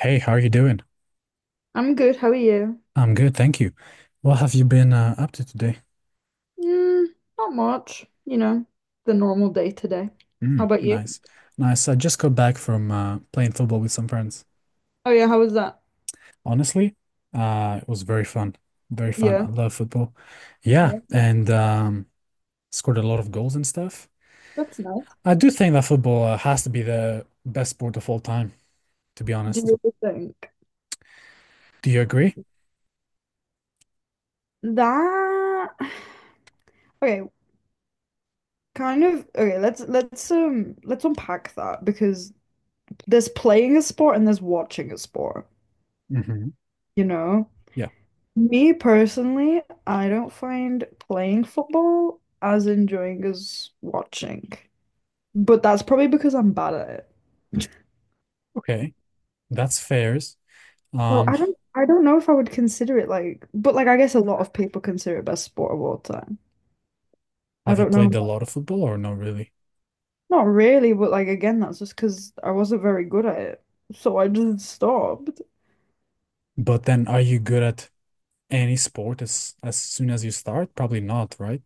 Hey, how are you doing? I'm good. How are you? I'm good, thank you. What have you been up to today? Mm, not much, you know, the normal day today. How Mm, about you? nice, nice. I just got back from playing football with some friends. Oh yeah, how was that? Honestly, it was very fun, very fun. I Yeah. love football. Yeah, Yeah, and scored a lot of goals and stuff. that's nice. I do think that football has to be the best sport of all time, to be Do honest. you really think Do you agree? that? Okay, kind of. Okay, let's unpack that because there's playing a sport and there's watching a sport, Hmm. you know? Yeah. Me personally, I don't find playing football as enjoying as watching. But that's probably because I'm bad at it. Okay, that's fair. Well, Um, I don't know if I would consider it like but like I guess a lot of people consider it best sport of all time. I have you don't played know. a lot of football or not really? Not really, but like again, that's just because I wasn't very good at it. So I just stopped. But then, are you good at any sport as soon as you start? Probably not, right?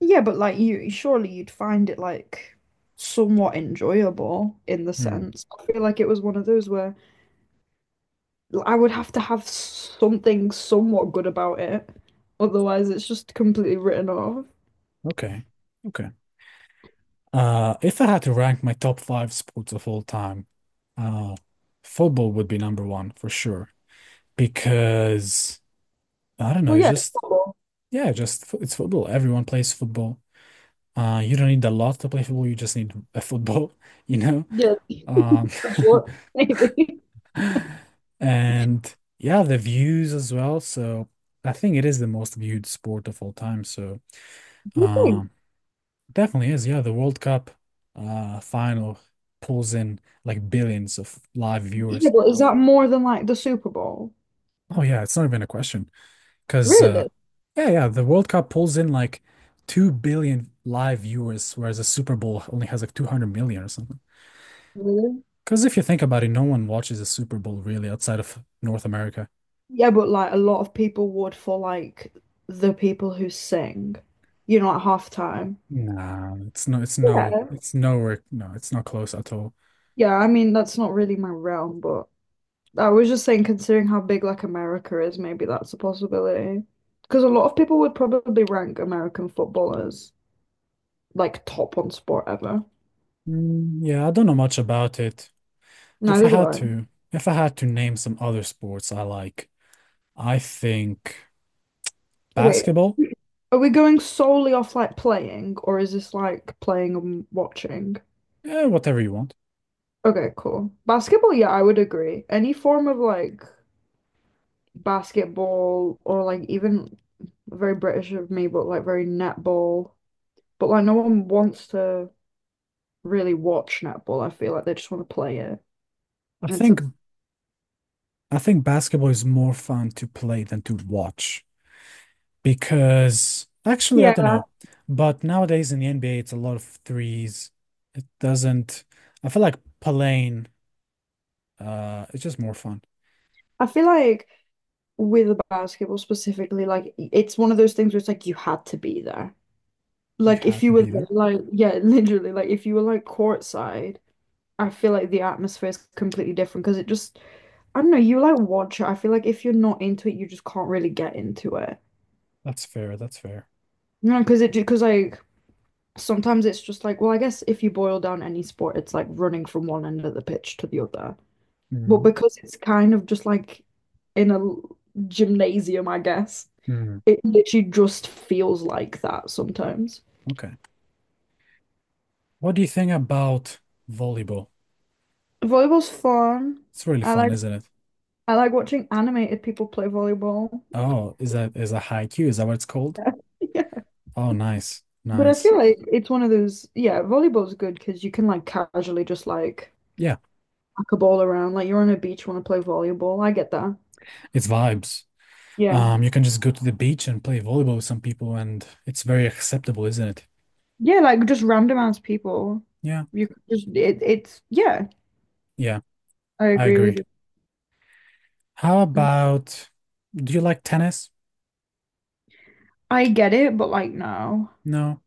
Yeah, but like you surely you'd find it like somewhat enjoyable in the Hmm. sense. I feel like it was one of those where I would have to have something somewhat good about it. Otherwise it's just completely written off. Okay. Okay. If I had to rank my top 5 sports of all time, uh, football would be number one for sure because I don't know, Well it's yeah, just football. yeah, it's football. Everyone plays football. You don't need a lot to play football. You just need a football, you know. Yeah, Um, that's what maybe. and yeah, the views as well. So I think it is the most viewed sport of all time. So. Um, Definitely is. Yeah, the World Cup final pulls in like billions of live Yeah, viewers. but is that more than like the Super Bowl? Oh yeah, it's not even a question. 'Cause Really? yeah, the World Cup pulls in like 2 billion live viewers whereas the Super Bowl only has like 200 million or something. Really? 'Cause if you think about it, no one watches the Super Bowl really outside of North America. Yeah, but like a lot of people would for like the people who sing, you know, at halftime. Nah, it's no it's no Yeah. it's nowhere no, it's not close at all. Yeah, I mean, that's not really my realm, but I was just saying, considering how big like America is, maybe that's a possibility. Because a lot of people would probably rank American football as like top one sport ever. Mm, yeah, I don't know much about it. If Neither I do had I. to if I had to name some other sports I like I think Wait, basketball, are we going solely off like playing, or is this like playing and watching? yeah, whatever you want. Okay, cool. Basketball, yeah, I would agree. Any form of like basketball or like even very British of me, but like very netball. But like no one wants to really watch netball. I feel like they just want to play it. I And it's think a I think basketball is more fun to play than to watch because actually I don't yeah. know, but nowadays in the NBA it's a lot of threes. It doesn't. I feel like playing. It's just more fun. I feel like with basketball specifically, like it's one of those things where it's like you had to be there. You Like if have you to were be there, there. like yeah, literally, like if you were like courtside, I feel like the atmosphere is completely different because it just I don't know, you like watch it. I feel like if you're not into it, you just can't really get into it. That's fair. That's fair. You know, because it because like sometimes it's just like, well, I guess if you boil down any sport, it's like running from one end of the pitch to the other. But Mhm. because it's kind of just like in a gymnasium, I guess, Mhm. it literally just feels like that sometimes. Okay. What do you think about volleyball? Volleyball's fun. It's really I fun, like isn't it? I like watching animated people play volleyball. Oh, is that is a haiku? Is that what it's called? Yeah. Yeah. Oh, nice, But I nice. feel like it's one of those, yeah, volleyball's good because you can like casually just like Yeah, pack a ball around, like you're on a beach, you want to play volleyball. I get that. it's vibes. Yeah. You can just go to the beach and play volleyball with some people, and it's very acceptable, isn't it? Yeah, like just random ass people. Yeah, You could just it, it's yeah, yeah, I I agree with agree. How you. about, do you like tennis? I get it, but like no. No.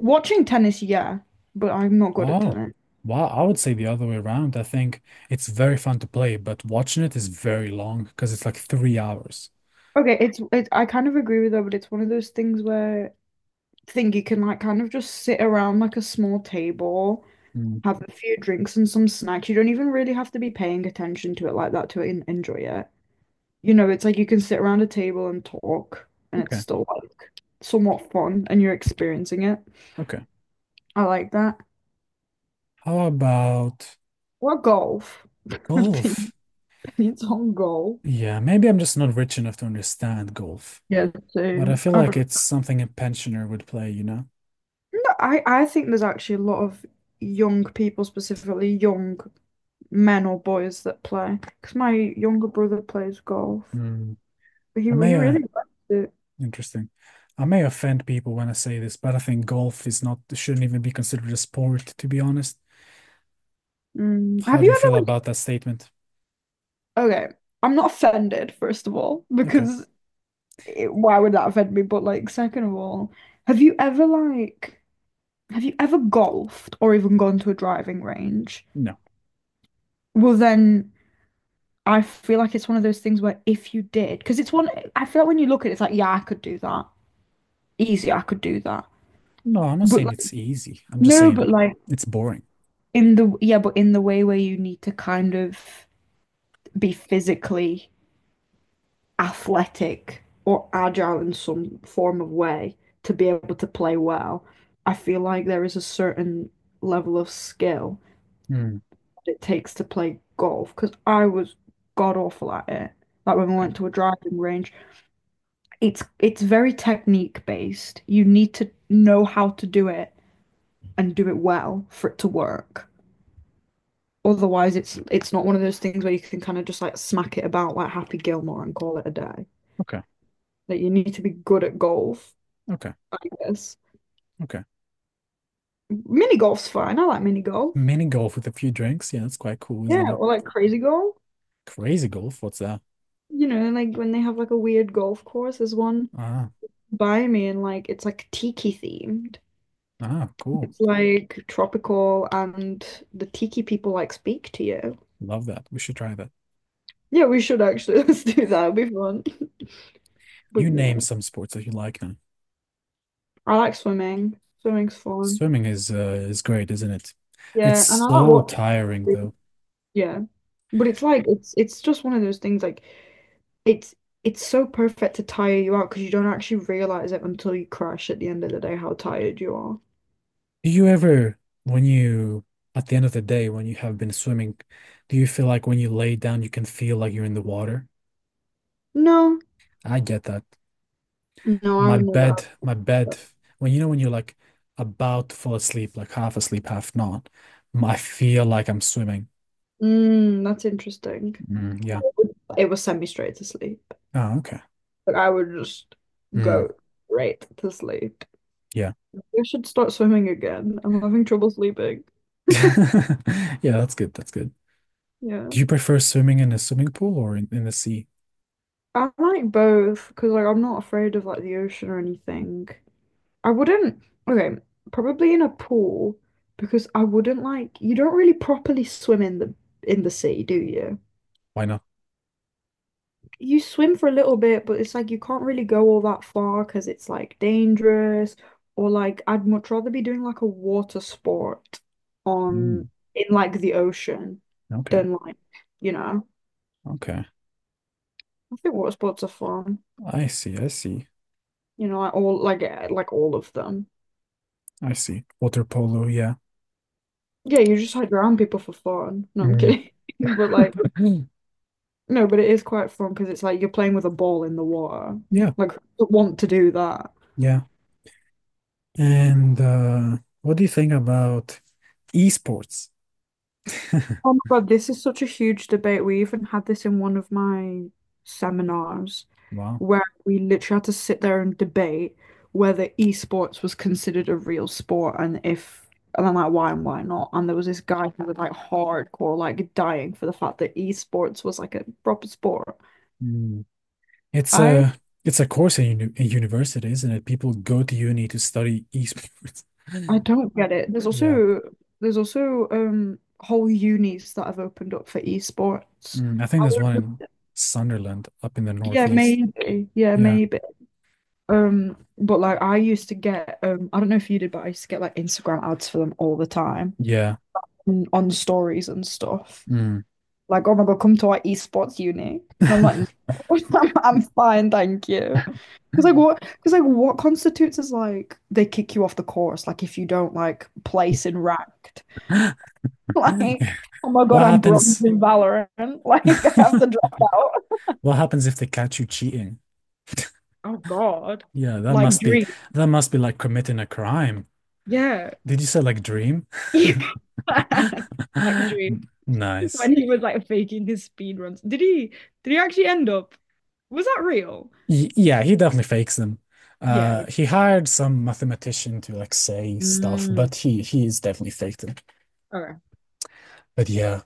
Watching tennis, yeah, but I'm not good at Oh, tennis. wow. I would say the other way around. I think it's very fun to play, but watching it is very long because it's like 3 hours. Okay, it's it, I kind of agree with her, but it's one of those things where I think you can like kind of just sit around like a small table, Mm, have a few drinks and some snacks. You don't even really have to be paying attention to it like that to enjoy it. You know, it's like you can sit around a table and talk, and it's okay, still like somewhat fun, and you're experiencing it. okay. I like that. How about Or golf. golf. Opinions on golf. Yeah, maybe I'm just not rich enough to understand golf, Yeah, but I same. feel I like don't. it's something a pensioner would play, you know? No, I think there's actually a lot of young people, specifically young men or boys that play. Because my younger brother plays golf. Hmm. He I may, really likes it. interesting. I may offend people when I say this, but I think golf is not, shouldn't even be considered a sport, to be honest. Mm. How Have do you you ever feel like? about that statement? Okay, I'm not offended, first of all, Okay. because it- why would that offend me? But like, second of all, have you ever like have you ever golfed or even gone to a driving range? No. Well, then I feel like it's one of those things where if you did, because it's one I feel like when you look at it, it's like, yeah, I could do that. Easy, I could do that. No, I'm not But saying like it's easy. I'm just no, saying but like it's boring. in the yeah, but in the way where you need to kind of be physically athletic or agile in some form of way to be able to play well. I feel like there is a certain level of skill Hmm. that it takes to play golf because I was god awful at it. Like when we Okay. went to a driving range, it's very technique based. You need to know how to do it and do it well for it to work. Otherwise, it's not one of those things where you can kind of just like smack it about like Happy Gilmore and call it a day. Okay. Like you need to be good at golf, Okay. I guess. Okay. Mini golf's fine. I like mini golf. Mini golf with a few drinks. Yeah, that's quite cool, isn't Yeah, it? or like crazy golf. Crazy golf. What's that? You know, like when they have like a weird golf course, there's one Ah, by me and like it's like tiki themed. ah, cool. It's like tropical and the tiki people like speak to you. Love that. We should try that. Yeah, we should actually let's do that. It'll be fun. But You yeah, name some sports that you like now. I like swimming. Swimming's fun. Swimming is great, isn't it? It's Yeah, and I like so tiring watching. though. Yeah. But it's like it's just one of those things like it's so perfect to tire you out because you don't actually realize it until you crash at the end of the day how tired you are. Do you ever, when you, at the end of the day, when you have been swimming, do you feel like when you lay down, you can feel like you're in the water? No, I get that. no, I My would never ask bed, my bed, that. when you know, when you're like about to fall asleep, like half asleep, half not, I feel like I'm swimming. Mm, that's interesting. Mm, No, yeah. it would it would send me straight to sleep. Oh, okay. Like I would just Mm, go straight to sleep. yeah. I should start swimming again. I'm having trouble sleeping. Yeah, that's good. That's good. Yeah, Do you prefer swimming in a swimming pool or in the sea? I like both because like I'm not afraid of like the ocean or anything. I wouldn't, okay, probably in a pool because I wouldn't like you don't really properly swim in the sea, do you? Why not? You swim for a little bit, but it's like you can't really go all that far because it's like dangerous or like I'd much rather be doing like a water sport Mm, on in like the ocean okay. than like, you know, Okay. I think water sports are fun. I see. I see. You know, like all like eh, like all of them. I see. Water polo. Yeah. Yeah, you just hide around people for fun. No, I'm Mm. kidding. But like no, but it is quite fun because it's like you're playing with a ball in the water. Yeah. Like, who would want to do that? Yeah. And what do you think about esports? Oh my God, this is such a huge debate. We even had this in one of my seminars Wow. where we literally had to sit there and debate whether esports was considered a real sport and if, and then like why and why not. And there was this guy who was like hardcore, like dying for the fact that esports was like a proper sport. Mm. It's I a it's a course in university, isn't it? People go to uni to study esports. I don't get it. Yeah. There's also whole unis that have opened up for esports. Mm, I think I there's one would, in Sunderland up in the yeah, northeast. maybe. Yeah, Yeah. maybe. But like I used to get I don't know if you did, but I used to get like Instagram ads for them all the time Yeah. On stories and stuff. Mm. Like, oh my God, come to our esports uni. And I'm like, "No, I'm fine, thank you. Because like what? Because like what constitutes as like they kick you off the course? Like if you don't like place in ranked. Like, oh my God, What I'm bronze happens? in Valorant. Like, I have to drop out. What happens if they catch you cheating? Oh God. Yeah, Like Dream. that must be like committing a crime. Yeah. Did you say like dream? Like Dream. N- nice. When he was like faking his speed runs. Did he actually end up? Was that real? Y yeah, he definitely fakes them. Yeah. He hired some mathematician to like say stuff, Mm. but he is definitely faked them. Okay. But yeah,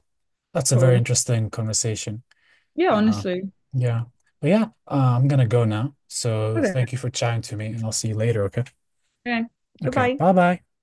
that's a very Cool. interesting conversation. Yeah, Uh, honestly. yeah, I'm gonna go now. So Okay. thank you for chatting to me, and I'll see you later. Okay. Okay. Okay. Goodbye. Bye bye.